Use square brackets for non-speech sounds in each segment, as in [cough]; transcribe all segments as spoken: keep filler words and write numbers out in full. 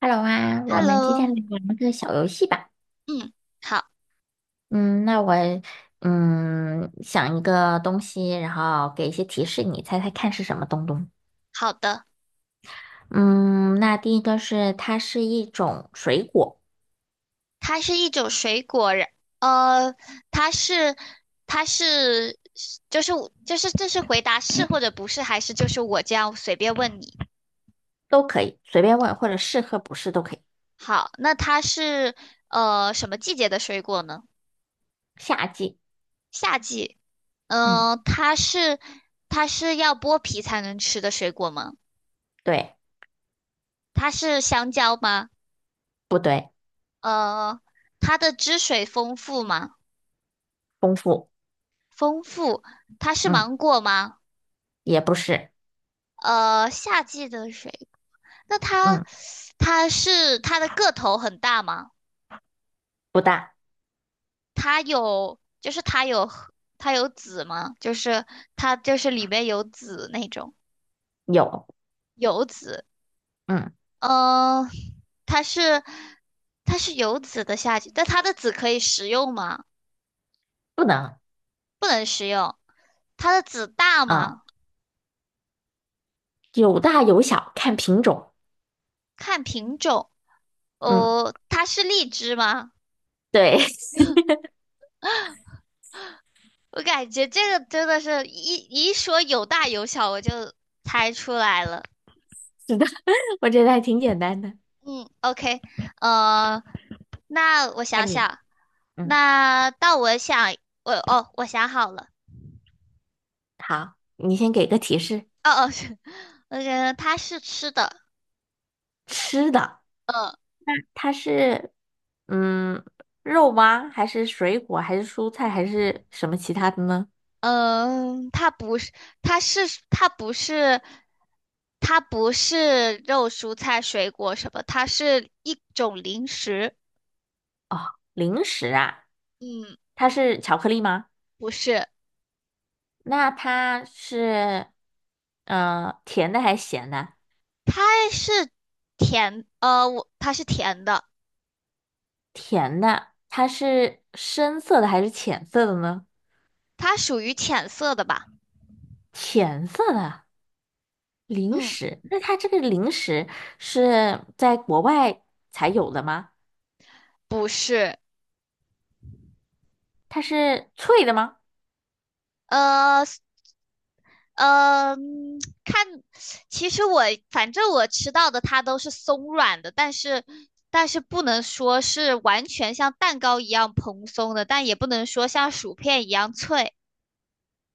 Hello 啊，我们今天 Hello，来玩个小游戏吧。嗯，好嗯，那我嗯想一个东西，然后给一些提示，你猜猜看是什么东东？好的，嗯，那第一个是它是一种水果，它是一种水果，然呃，它是它是就是就是这是回答是或者不是，还是就是我这样随便问你？都可以随便问，或者是和不是都可以。好，那它是呃什么季节的水果呢？夏季，夏季。嗯，嗯、它是它是要剥皮才能吃的水果吗？对，它是香蕉吗？不对？呃，它的汁水丰富吗？丰富，丰富。它是嗯，芒果吗？也不是，呃，夏季的水，那它嗯，它是它的个头很大吗？不大，它有就是它有它有籽吗？就是它就是里面有籽那种。有，有籽。嗯，嗯、呃它是它是有籽的夏季，但它的籽可以食用吗？不能，不能食用。它的籽大啊，吗？有大有小，看品种，看品种。嗯，哦，它是荔枝吗？对，[laughs] 我感觉这个真的是一一说有大有小，我就猜出来了。是的，我觉得还挺简单的。嗯，OK,呃，那我换想你，想，嗯。那到我想，我哦，我想好了。好，你先给个提示，哦哦，是，呃，它是吃的。吃的，嗯。它是嗯肉吗？还是水果？还是蔬菜？还是什么其他的呢？嗯，它不是，它是它不是，它不是肉、蔬菜、水果什么，它是一种零食。零食啊，嗯，它是巧克力吗？不是。那它是嗯，甜的还是咸的？它是甜，呃，我它是甜的。甜的，它是深色的还是浅色的呢？它属于浅色的吧。浅色的零嗯，食，那它这个零食是在国外才有的吗？不是。它是脆的吗？呃。嗯，看，其实我反正我吃到的它都是松软的，但是但是不能说是完全像蛋糕一样蓬松的，但也不能说像薯片一样脆。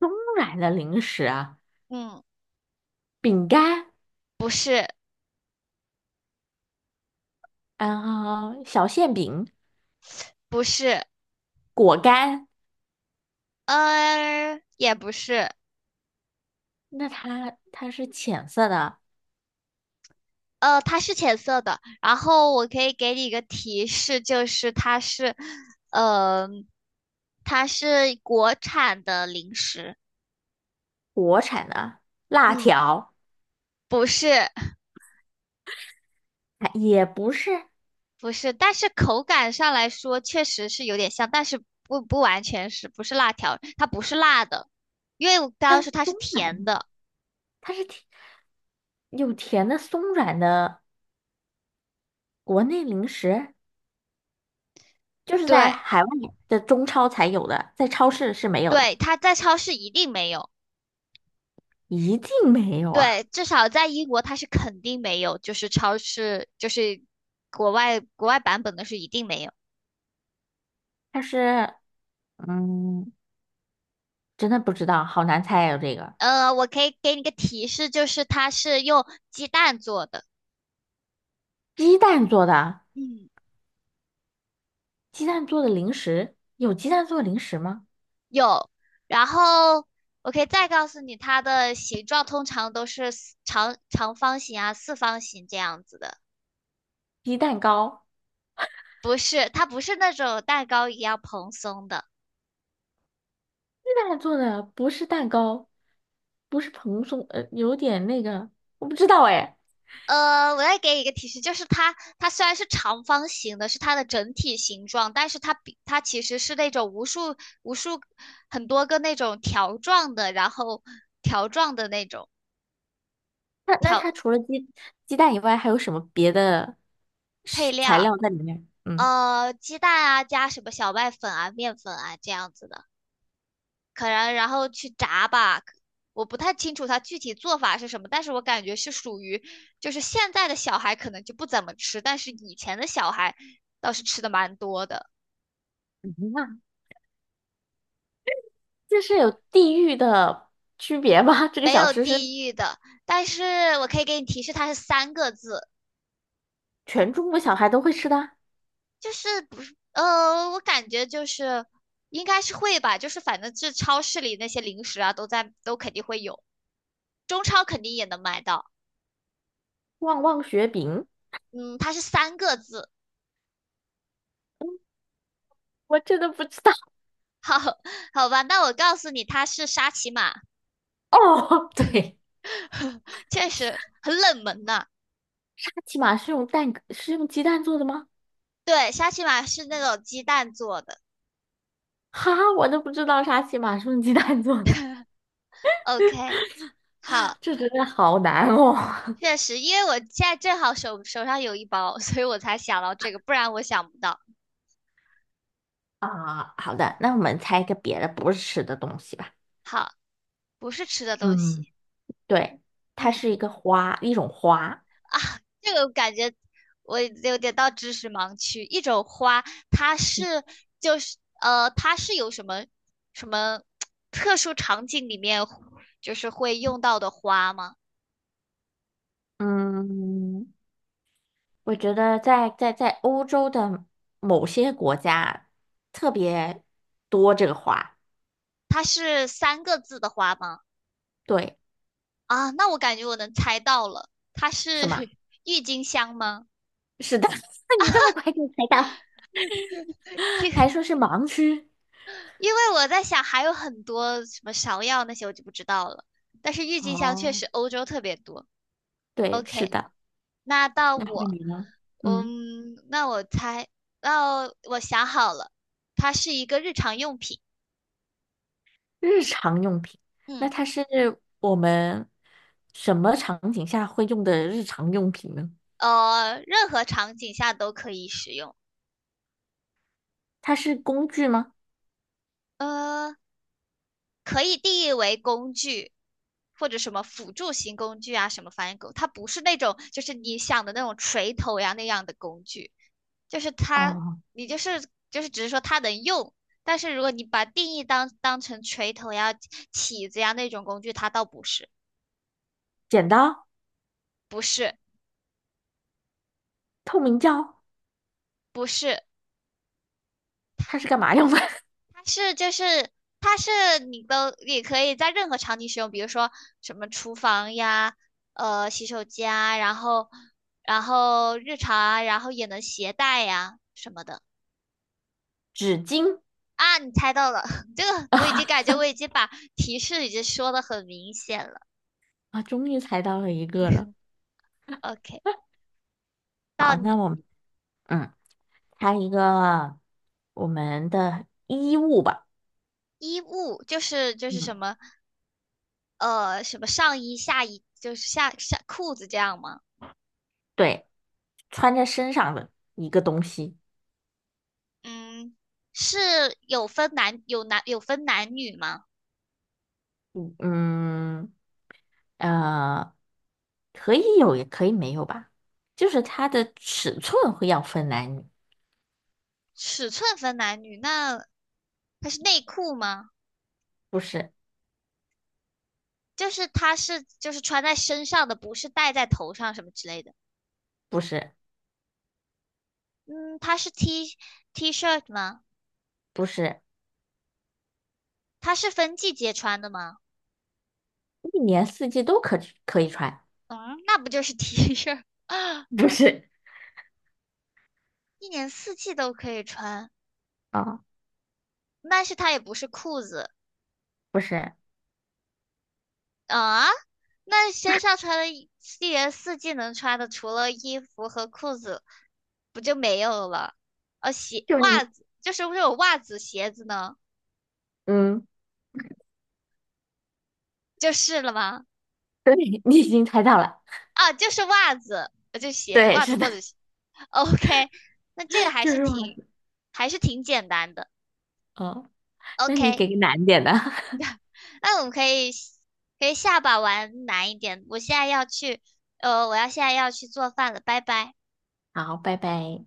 松软的零食啊。嗯，饼干，不是。然后小馅饼、不是。果干，呃，也不是。那它它是浅色的，呃，它是浅色的。然后我可以给你一个提示，就是它是，嗯，它是国产的零食。国产的辣嗯，条，不是。啊也不是，不是，但是口感上来说确实是有点像，但是不不完全是，不是辣条，它不是辣的，因为我刚它刚是说它是松甜软，的。它是甜有甜的松软的国内零食，就是在对。海外的中超才有的，在超市是没有对，的，它在超市一定没有。一定没有啊！对，至少在英国它是肯定没有，就是超市就是国外国外版本的是一定没有。它是，嗯，真的不知道，好难猜啊，这个呃，我可以给你个提示，就是它是用鸡蛋做的。鸡蛋做的，嗯。鸡蛋做的零食，有鸡蛋做的零食吗？有，然后我可以再告诉你，它的形状通常都是四长长方形啊、四方形这样子的。鸡蛋糕。不是，它不是那种蛋糕一样蓬松的。那做的不是蛋糕，不是蓬松，呃，有点那个，我不知道哎。呃，我再给你一个提示，就是它，它虽然是长方形的，是它的整体形状，但是它比它其实是那种无数无数很多个那种条状的，然后条状的那种那那它除了鸡鸡蛋以外，还有什么别的配食材料。料在里面？嗯，呃，鸡蛋啊，加什么小麦粉啊、面粉啊这样子的。可能然后去炸吧。我不太清楚它具体做法是什么，但是我感觉是属于，就是现在的小孩可能就不怎么吃，但是以前的小孩倒是吃的蛮多的。那这是有地域的区别吧？[laughs] 这个没小有吃是地域的。但是我可以给你提示，它是三个字。全中国小孩都会吃的啊就是不是呃，我感觉就是应该是会吧，就是反正这超市里那些零食啊，都在都肯定会有，中超肯定也能买到。旺旺雪饼，嗯，它是三个字。我真的不知道。好好吧，那我告诉你，它是沙琪玛。哦，[laughs] 对，[laughs] 确实很冷门呐、沙琪玛是用蛋是用鸡蛋做的吗？对，沙琪玛是那种鸡蛋做的。哈，我都不知道沙琪玛是用鸡蛋做的，OK,好。[laughs] 这真的好难哦。确实，因为我现在正好手手上有一包，所以我才想到这个，不然我想不到。啊，好的，那我们猜一个别的不是吃的东西吧。好，不是吃的东嗯西。对，它嗯，是一个花，一种花。这个我感觉我有点到知识盲区。一种花，它是就是呃，它是有什么什么特殊场景里面就是会用到的花吗？嗯，我觉得在在在欧洲的某些国家特别多这个花。它是三个字的花吗？对，啊，那我感觉我能猜到了，它是 是吗？[laughs] 郁金香吗？是的，[laughs] 那你这么快就猜到，还因说是盲区。因为我在想还有很多什么芍药那些我就不知道了，但是郁金香确哦，实欧洲特别多。对，是 OK,的。那到那换我。你呢？嗯，嗯，那我猜，那我想好了，它是一个日常用品。日常用品，那嗯。它是我们什么场景下会用的日常用品呢？呃，任何场景下都可以使用。它是工具吗？呃，可以定义为工具，或者什么辅助型工具啊，什么翻译狗，它不是那种就是你想的那种锤头呀那样的工具，就是它，哦，你就是就是只是说它能用，但是如果你把定义当当成锤头呀、起子呀那种工具，它倒不是。剪刀、不是。透明胶，不是。它是干嘛用的？[laughs] 是就是它是你都也可以在任何场景使用，比如说什么厨房呀，呃，洗手间啊，然后然后日常啊，然后也能携带呀什么的。纸巾啊，你猜到了，[laughs] 这个我已经感觉我已经把提示已经说的很明显了。啊，终于猜到了一个了。OK,到好，你。那我们嗯，猜一个我们的衣物吧。衣物就是就是什嗯，么呃什么上衣下衣就是下下裤子这样吗？对，穿在身上的一个东西。嗯，是有分男有男有分男女吗？嗯嗯，呃，可以有，也可以没有吧。就是它的尺寸会要分男女，尺寸分男女，那它是内裤吗？不是，就是它是就是穿在身上的，不是戴在头上什么之类的。不是，嗯，它是 T T 恤吗？不是，它是分季节穿的吗？一年四季都可可以穿，嗯，那不就是 T [laughs] 恤，不是。一年四季都可以穿。啊，但是它也不是裤子不是，啊，那身上穿的一一年四季能穿的，除了衣服和裤子，不就没有了？呃、鞋、就你，袜子，就是不是有袜子、鞋子呢，嗯，就是了吗？对，[laughs] 你已经猜到了，啊，就是袜子，我就写对，袜子是的，或者鞋。OK,[laughs] 那这个 [laughs] 还就是是我，挺还是挺简单的。哦，那你 OK,给个难点的，那我们可以可以下把玩难一点。我现在要去，呃，我要现在要去做饭了，拜拜。[laughs] 好，拜拜。